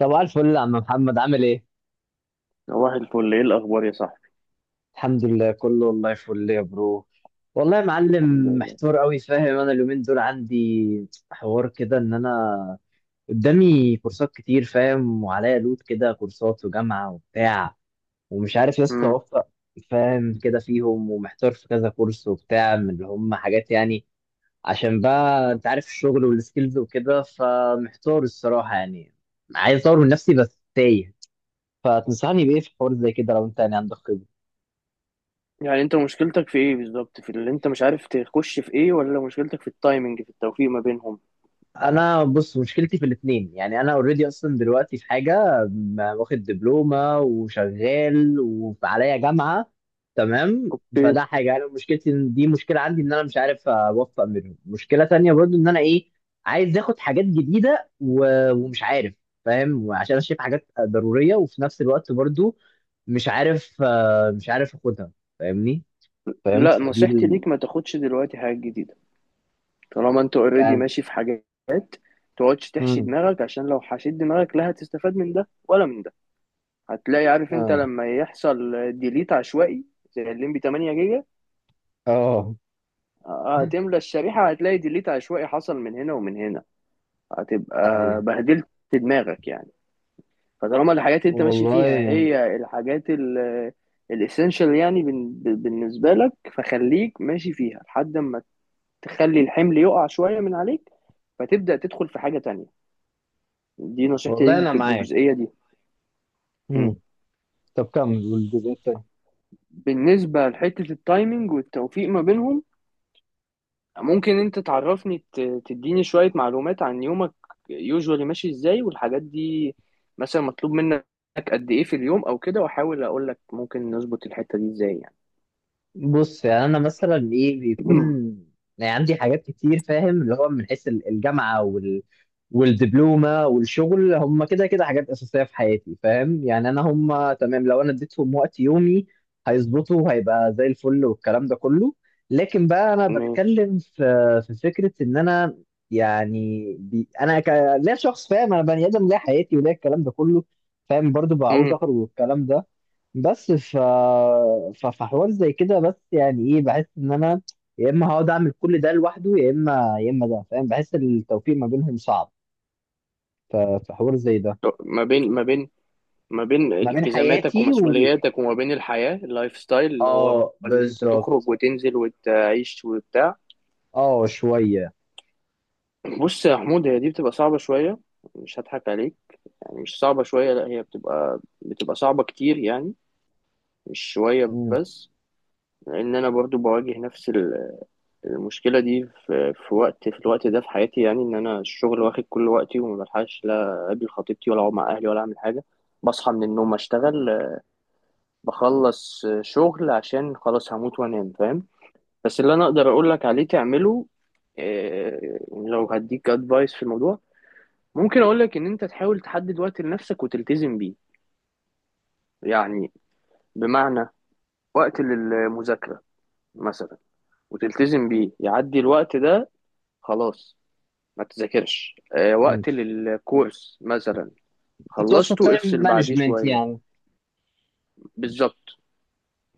صباح الفل يا عم محمد، عامل ايه؟ صباح الفل، ايه الاخبار يا صاحبي؟ الحمد لله كله، والله فل يا برو. والله يا الحمد معلم. لله. محتار قوي، فاهم؟ انا اليومين دول عندي حوار كده ان انا قدامي كورسات كتير، فاهم؟ وعليا لود كده، كورسات وجامعة وبتاع، ومش عارف يا اسطى امم اوفق. فاهم كده؟ فيهم ومحتار في كذا كورس وبتاع، من اللي هم حاجات يعني، عشان بقى انت عارف الشغل والسكيلز وكده، فمحتار الصراحة يعني. عايز اطور من نفسي بس تايه. فتنصحني بايه في حوار زي كده، لو انت يعني عندك خبرة؟ يعني انت مشكلتك في ايه بالظبط؟ في اللي انت مش عارف تخش في ايه، ولا مشكلتك في التايمنج في التوفيق ما بينهم؟ انا بص، مشكلتي في الاثنين. يعني انا اوريدي اصلا دلوقتي في حاجه واخد دبلومه وشغال وعليا جامعه، تمام. اوكي. فده حاجه، انا مشكلتي دي مشكله عندي ان انا مش عارف اوفق منهم. مشكله تانية برضو ان انا ايه، عايز اخد حاجات جديده ومش عارف. فاهم؟ عشان انا شايف حاجات ضروريه، وفي نفس الوقت برضو مش عارف. مش عارف اخدها. فاهمني؟ فهمت؟ لا، نصيحتي ليك ما تاخدش دلوقتي حاجات جديدة. طالما انت اوريدي يعني. ماشي في حاجات، تقعدش تحشي امم. دماغك، عشان لو حشيت دماغك لا هتستفاد من ده ولا من ده. هتلاقي، عارف انت اه. لما يحصل ديليت عشوائي زي الليمبي 8 جيجا؟ اه. هتملى الشريحة، هتلاقي ديليت عشوائي حصل من هنا ومن هنا. هتبقى ايوه. بهدلت دماغك يعني. فطالما الحاجات اللي انت ماشي فيها والله. هي الحاجات الاسينشال يعني بالنسبه لك، فخليك ماشي فيها لحد ما تخلي الحمل يقع شويه من عليك، فتبدا تدخل في حاجه تانية. دي نصيحتي والله ليك انا في معاك. الجزئيه دي. م. مم. طب كمل والجزء التاني. بالنسبه لحته التايمينج والتوفيق ما بينهم، ممكن انت تعرفني تديني شويه معلومات عن يومك؟ يوجوالي ماشي ازاي والحاجات دي، مثلا مطلوب منك قد ايه في اليوم او كده، واحاول اقول لك ممكن نظبط الحته دي ازاي يعني. بص يعني انا مثلا ايه بيكون، يعني عندي حاجات كتير، فاهم؟ اللي هو من حيث الجامعه وال والدبلومه والشغل، هم كده كده حاجات اساسيه في حياتي، فاهم؟ يعني انا هم تمام، لو انا اديتهم وقت يومي هيظبطوا وهيبقى زي الفل والكلام ده كله. لكن بقى انا ماشي. بتكلم في في فكره ان انا يعني لا، شخص فاهم، انا بني ادم، ليا حياتي وليا الكلام ده كله، فاهم؟ برضو بعوز مم. اخرج والكلام ده. بس فحوار زي كده، بس يعني ايه، بحس ان انا يا اما هقعد اعمل كل ده لوحده، يا اما ده، فاهم؟ بحس التوفيق ما بينهم صعب. في حوار زي ده. ما بين ما بين ما بين ما بين التزاماتك حياتي وال ومسؤولياتك، وما بين الحياة، اللايف ستايل اللي هو اه، اللي انت تخرج بالظبط. وتنزل وتعيش وبتاع. اه شويه. بص يا حمود، هي دي بتبقى صعبة شوية، مش هضحك عليك. يعني مش صعبة شوية، لا هي بتبقى صعبة كتير يعني، مش شوية امم. بس. لان انا برضو بواجه نفس المشكلة دي في الوقت ده في حياتي، يعني ان انا الشغل واخد كل وقتي، وما بلحقش لا اقابل خطيبتي ولا اقعد مع اهلي ولا اعمل حاجة. بصحى من النوم اشتغل، بخلص شغل عشان خلاص هموت وانام، فاهم؟ بس اللي انا اقدر اقول لك عليه تعمله، آه، لو هديك ادفايس في الموضوع، ممكن اقول لك ان انت تحاول تحدد وقت لنفسك وتلتزم بيه. يعني بمعنى، وقت للمذاكرة مثلا، وتلتزم بيه، يعدي الوقت ده خلاص ما تذاكرش. امم. وقت للكورس مثلا، تقصد خلصته تايم افصل بعديه مانجمنت شوية. يعني. بالظبط.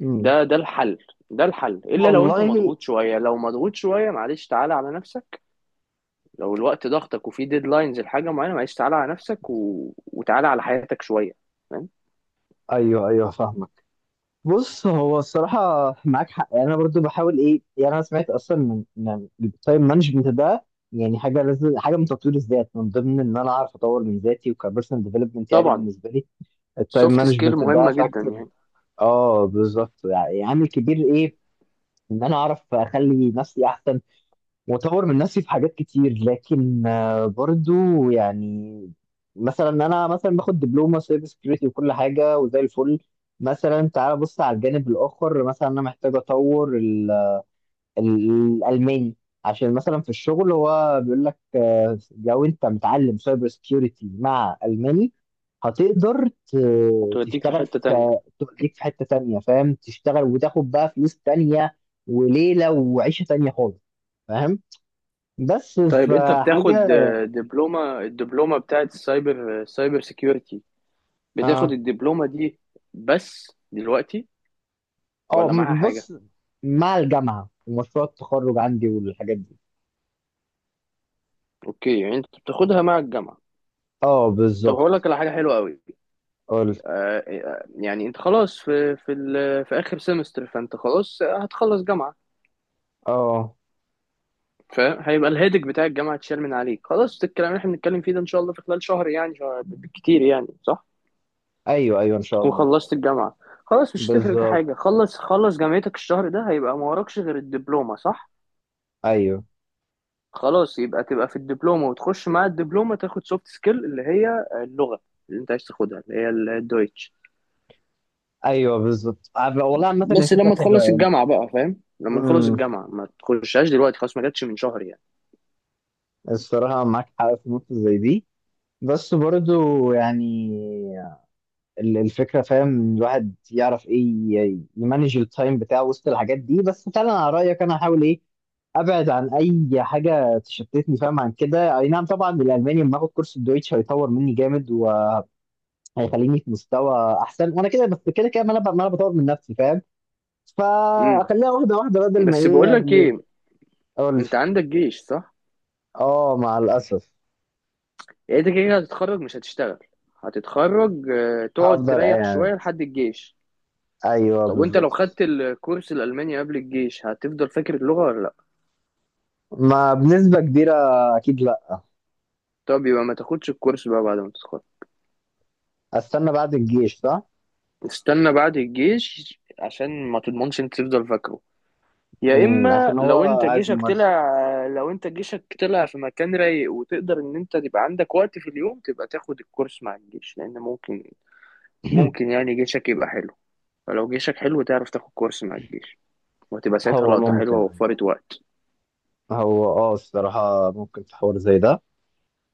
امم. ده الحل. ده الحل، الا لو انت والله. مضغوط شويه، لو مضغوط شويه معلش تعالى على نفسك. لو الوقت ضغطك وفي ديدلاينز لحاجه معينه، معلش تعالى على نفسك وتعالى على حياتك شويه، فاهم؟ ايوه ايوه فاهمك. بص هو الصراحة، معاك حق يعني. أنا برضو بحاول إيه يعني، أنا سمعت أصلا من التايم مانجمنت ده، يعني حاجة لازم، حاجة من تطوير الذات، من ضمن إن أنا أعرف أطور من ذاتي، وكبيرسونال ديفلوبمنت، يعني طبعا. بالنسبة لي التايم سوفت سكيل مانجمنت ده مهمه جدا فاكتور. يعني. أه بالظبط، يعني عامل كبير إيه، إن أنا أعرف أخلي نفسي أحسن واطور من نفسي في حاجات كتير. لكن برضو يعني، مثلا انا مثلا باخد دبلومه سايبر سكيورتي وكل حاجه وزي الفل. مثلا تعال بص على الجانب الاخر، مثلا انا محتاج اطور الالماني. عشان مثلا في الشغل هو بيقول لك، لو انت متعلم سايبر سكيورتي مع الماني هتقدر هتوديك في تشتغل، حته تانية. في توديك في حته تانيه، فاهم؟ تشتغل وتاخد بقى فلوس تانيه وليله وعيشه تانيه خالص، فاهم؟ بس طيب انت في حاجة. بتاخد الدبلومه بتاعت سايبر سيكيورتي؟ بتاخد اه. الدبلومه دي بس دلوقتي، اه ولا معاها حاجه؟ بص، مع الجامعة ومشروع التخرج عندي والحاجات دي. اوكي، يعني انت بتاخدها مع الجامعه. اه طب بالظبط. هقول لك على حاجه حلوه قوي. قلت. يعني انت خلاص في في اخر سمستر، فانت خلاص هتخلص جامعه، اه. فاهم؟ هيبقى الهيدك بتاع الجامعه اتشال من عليك خلاص. الكلام اللي احنا بنتكلم فيه ده ان شاء الله في خلال شهر، يعني شهر بالكتير يعني، صح؟ ايوه ايوه ان شاء تكون الله. خلصت الجامعه. خلاص، مش هتفرق في بالظبط. حاجه، خلص خلص جامعتك الشهر ده، هيبقى ما وراكش غير الدبلومه، صح؟ ايوه. خلاص، يبقى تبقى في الدبلومه، وتخش مع الدبلومه تاخد سوفت سكيل اللي هي اللغه اللي انت عايز تاخدها، اللي هي الدويتش. ايوه بالظبط. والله عامة هي بس فكرة لما حلوة تخلص يعني. الجامعة بقى، فاهم؟ لما تخلص امم. الجامعة، ما تخشهاش دلوقتي خلاص، ما جاتش من شهر يعني. الصراحة معاك حق في نقطة زي دي. بس برضو يعني الفكرة، فاهم؟ الواحد يعرف ايه، يمانج التايم بتاعه وسط الحاجات دي. بس فعلا على رأيك انا هحاول ايه، ابعد عن اي حاجه تشتتني، فاهم؟ عن كده، اي نعم طبعا. الالماني لما اخد كورس الدويتش هيطور مني جامد وهيخليني في مستوى احسن، وانا كده بس كده كده، ما انا بطور من نفسي، فاهم؟ امم. فاخليها واحده واحده بدل ما بس ايه بقول لك يعني. ايه، اقول. انت عندك جيش صح؟ اه مع الاسف. يعني انت كده كده هتتخرج مش هتشتغل، هتتخرج تقعد هفضل تريح قاعد. شوية لحد الجيش. ايوه طب وانت لو بالظبط. خدت الكورس الألماني قبل الجيش، هتفضل فاكر اللغة ولا لا؟ ما بنسبه كبيره، اكيد لا. طب يبقى ما تاخدش الكورس بقى بعد ما تتخرج. استنى بعد الجيش صح. استنى بعد الجيش عشان ما تضمنش انت تفضل فاكره. يا مم، اما عشان هو لو انت جيشك اجمل. طلع، لو انت جيشك طلع في مكان رايق وتقدر ان انت تبقى عندك وقت في اليوم، تبقى تاخد الكورس مع الجيش، لان ممكن، ممكن يعني جيشك يبقى حلو. فلو جيشك حلو، تعرف تاخد كورس مع الجيش، وهتبقى ساعتها هو لقطة حلوة ممكن أيوه. ووفرت وقت. هو اه الصراحه ممكن في حوار زي ده.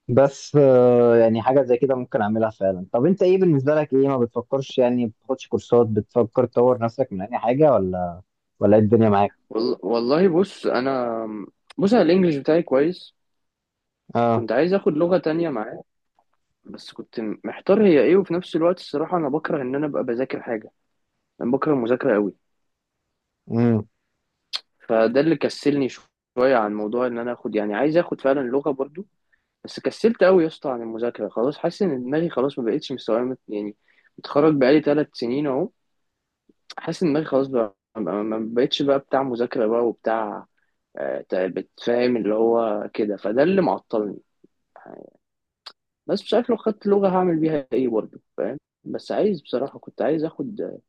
بس يعني حاجة زي كده ممكن أعملها فعلا. طب أنت إيه بالنسبة لك، إيه ما بتفكرش يعني، بتاخدش كورسات، بتفكر تطور نفسك من أي حاجة ولا ولا إيه الدنيا معاك؟ والله بص انا، بص انا الانجليش بتاعي كويس. آه. كنت عايز اخد لغة تانية معاه، بس كنت محتار هي ايه. وفي نفس الوقت الصراحة انا بكره ان انا ابقى بذاكر حاجة. انا بكره المذاكرة قوي، امم. فده اللي كسلني شويه عن موضوع ان انا اخد، يعني عايز اخد فعلا لغه برضو، بس كسلت قوي يا اسطى عن المذاكره خلاص. حاسس ان دماغي خلاص ما بقتش مستوعبه يعني، متخرج بقالي ثلاث سنين اهو. حاسس ان دماغي خلاص بقى ما بقتش بقى بتاع مذاكره بقى وبتاع، بتفهم اللي هو كده، فده اللي معطلني. بس مش عارف لو خدت لغة هعمل بيها ايه برضه، فاهم؟ بس عايز بصراحة، كنت عايز اخد،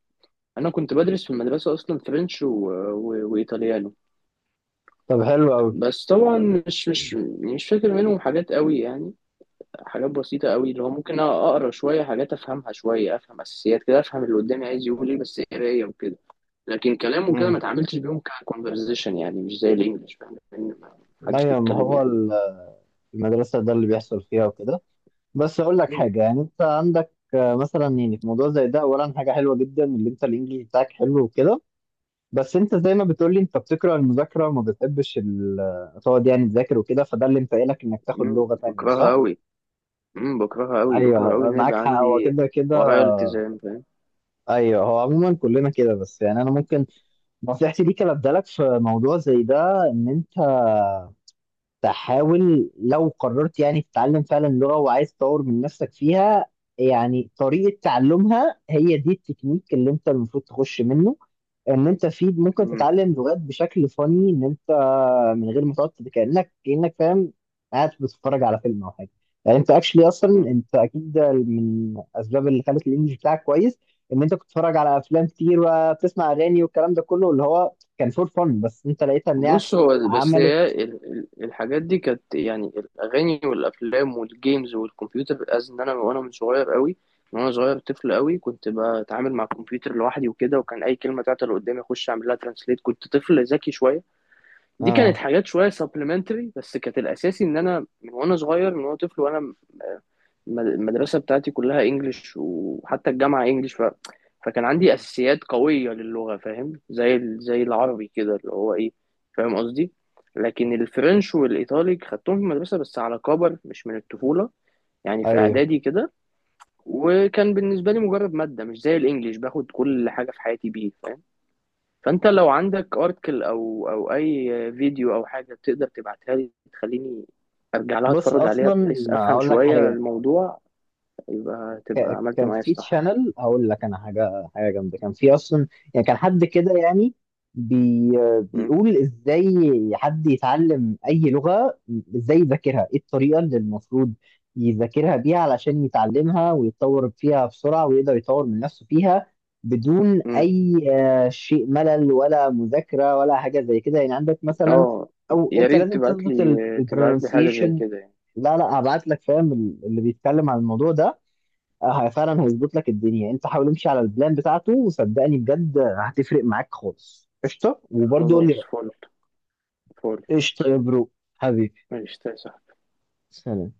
انا كنت بدرس في المدرسة اصلا فرنش وايطاليانو. طب حلو أوي. بس طبعا مش مش مش فاكر منهم حاجات قوي يعني، حاجات بسيطة قوي، اللي هو ممكن أقرأ شوية حاجات أفهمها شوية، أفهم أساسيات كده، أفهم اللي قدامي عايز يقول إيه، بس قراية وكده. لكن كلام وكده ما امم. اتعاملتش بيهم ككونفرزيشن، يعني مش زي الإنجليش، فاهم؟ لأن ما حدش أيوة. ما بيتكلم هو يعني. المدرسة ده اللي بيحصل فيها وكده. بس أقول لك مم. حاجة يعني، أنت عندك مثلا يعني في موضوع زي ده، أولا حاجة حلوة جدا اللي أنت الإنجليزي بتاعك حلو وكده. بس أنت زي ما بتقولي، أنت بتكره المذاكرة وما بتحبش تقعد يعني تذاكر وكده، فده اللي مفائلك إنك تاخد مم، لغة تانية، بكرهها صح؟ قوي مم، بكرهها قوي، بكره قوي ايوه إن أنا معاك يبقى حق، هو عندي كده كده. ورايا التزام، فاهم؟ ايوه هو عموما كلنا كده. بس يعني انا ممكن نصيحتي ليك، أنا ابدالك في موضوع زي ده، ان انت تحاول لو قررت يعني تتعلم فعلا لغه وعايز تطور من نفسك فيها، يعني طريقه تعلمها هي دي التكنيك اللي انت المفروض تخش منه. ان انت في ممكن مم. تتعلم لغات بشكل فني، ان انت من غير ما تقعد كانك، فاهم؟ قاعد بتتفرج على فيلم او حاجه. يعني انت اكشلي اصلا، مم. انت اكيد ده من الاسباب اللي خلت الانجليش بتاعك كويس، ان انت كنت بتتفرج على افلام كتير وبتسمع اغاني والكلام ده كله اللي هو كان فور فن، بس انت لقيتها ان هي بص، هو بس عملت. هي الحاجات دي كانت يعني الاغاني والافلام والجيمز والكمبيوتر، از ان انا وانا من صغير قوي، من وانا صغير طفل قوي كنت بتعامل مع الكمبيوتر لوحدي وكده، وكان اي كلمه تعطل قدامي اخش اعمل لها ترانسليت. كنت طفل ذكي شويه. دي كانت اه. حاجات شويه سبلمنتري، بس كانت الاساسي ان انا من وانا صغير، من وانا طفل، وانا المدرسة بتاعتي كلها انجليش، وحتى الجامعة انجليش. فكان عندي اساسيات قوية للغة، فاهم؟ زي زي العربي كده اللي هو ايه، فاهم قصدي؟ لكن الفرنش والايطالي خدتهم في المدرسة بس على كبر، مش من الطفولة، يعني في ايوه. اعدادي كده، وكان بالنسبة لي مجرد مادة، مش زي الانجليش باخد كل حاجة في حياتي بيه، فاهم؟ فانت لو عندك ارتكل او او اي فيديو او حاجة تقدر تبعتها لي، تخليني ارجع لها بص اتفرج عليها اصلا بحيث افهم هقول لك شوية حاجه، الموضوع، يبقى تبقى عملت كان معايا في الصح. تشانل اقول لك انا، حاجه جامده، كان في اصلا يعني كان حد كده يعني بي مم. بيقول ازاي حد يتعلم اي لغه، ازاي يذاكرها، ايه الطريقه اللي المفروض يذاكرها بيها علشان يتعلمها ويتطور فيها بسرعه ويقدر يطور من نفسه فيها بدون مم. اي شيء ملل ولا مذاكره ولا حاجه زي كده. يعني عندك مثلا، اه، او يا انت ريت لازم تظبط تبعت لي حاجة زي البرونسيشن. كده يعني. لا لا، هبعت لك، فاهم؟ اللي بيتكلم عن الموضوع ده، فعلا هيظبط لك الدنيا. انت حاول امشي على البلان بتاعته، وصدقني بجد هتفرق معاك خالص. قشطه؟ وبرضه قول لي خلاص رأيك. فل. فل. قشطه يا برو. حبيبي. ماشي، تسلم. سلام.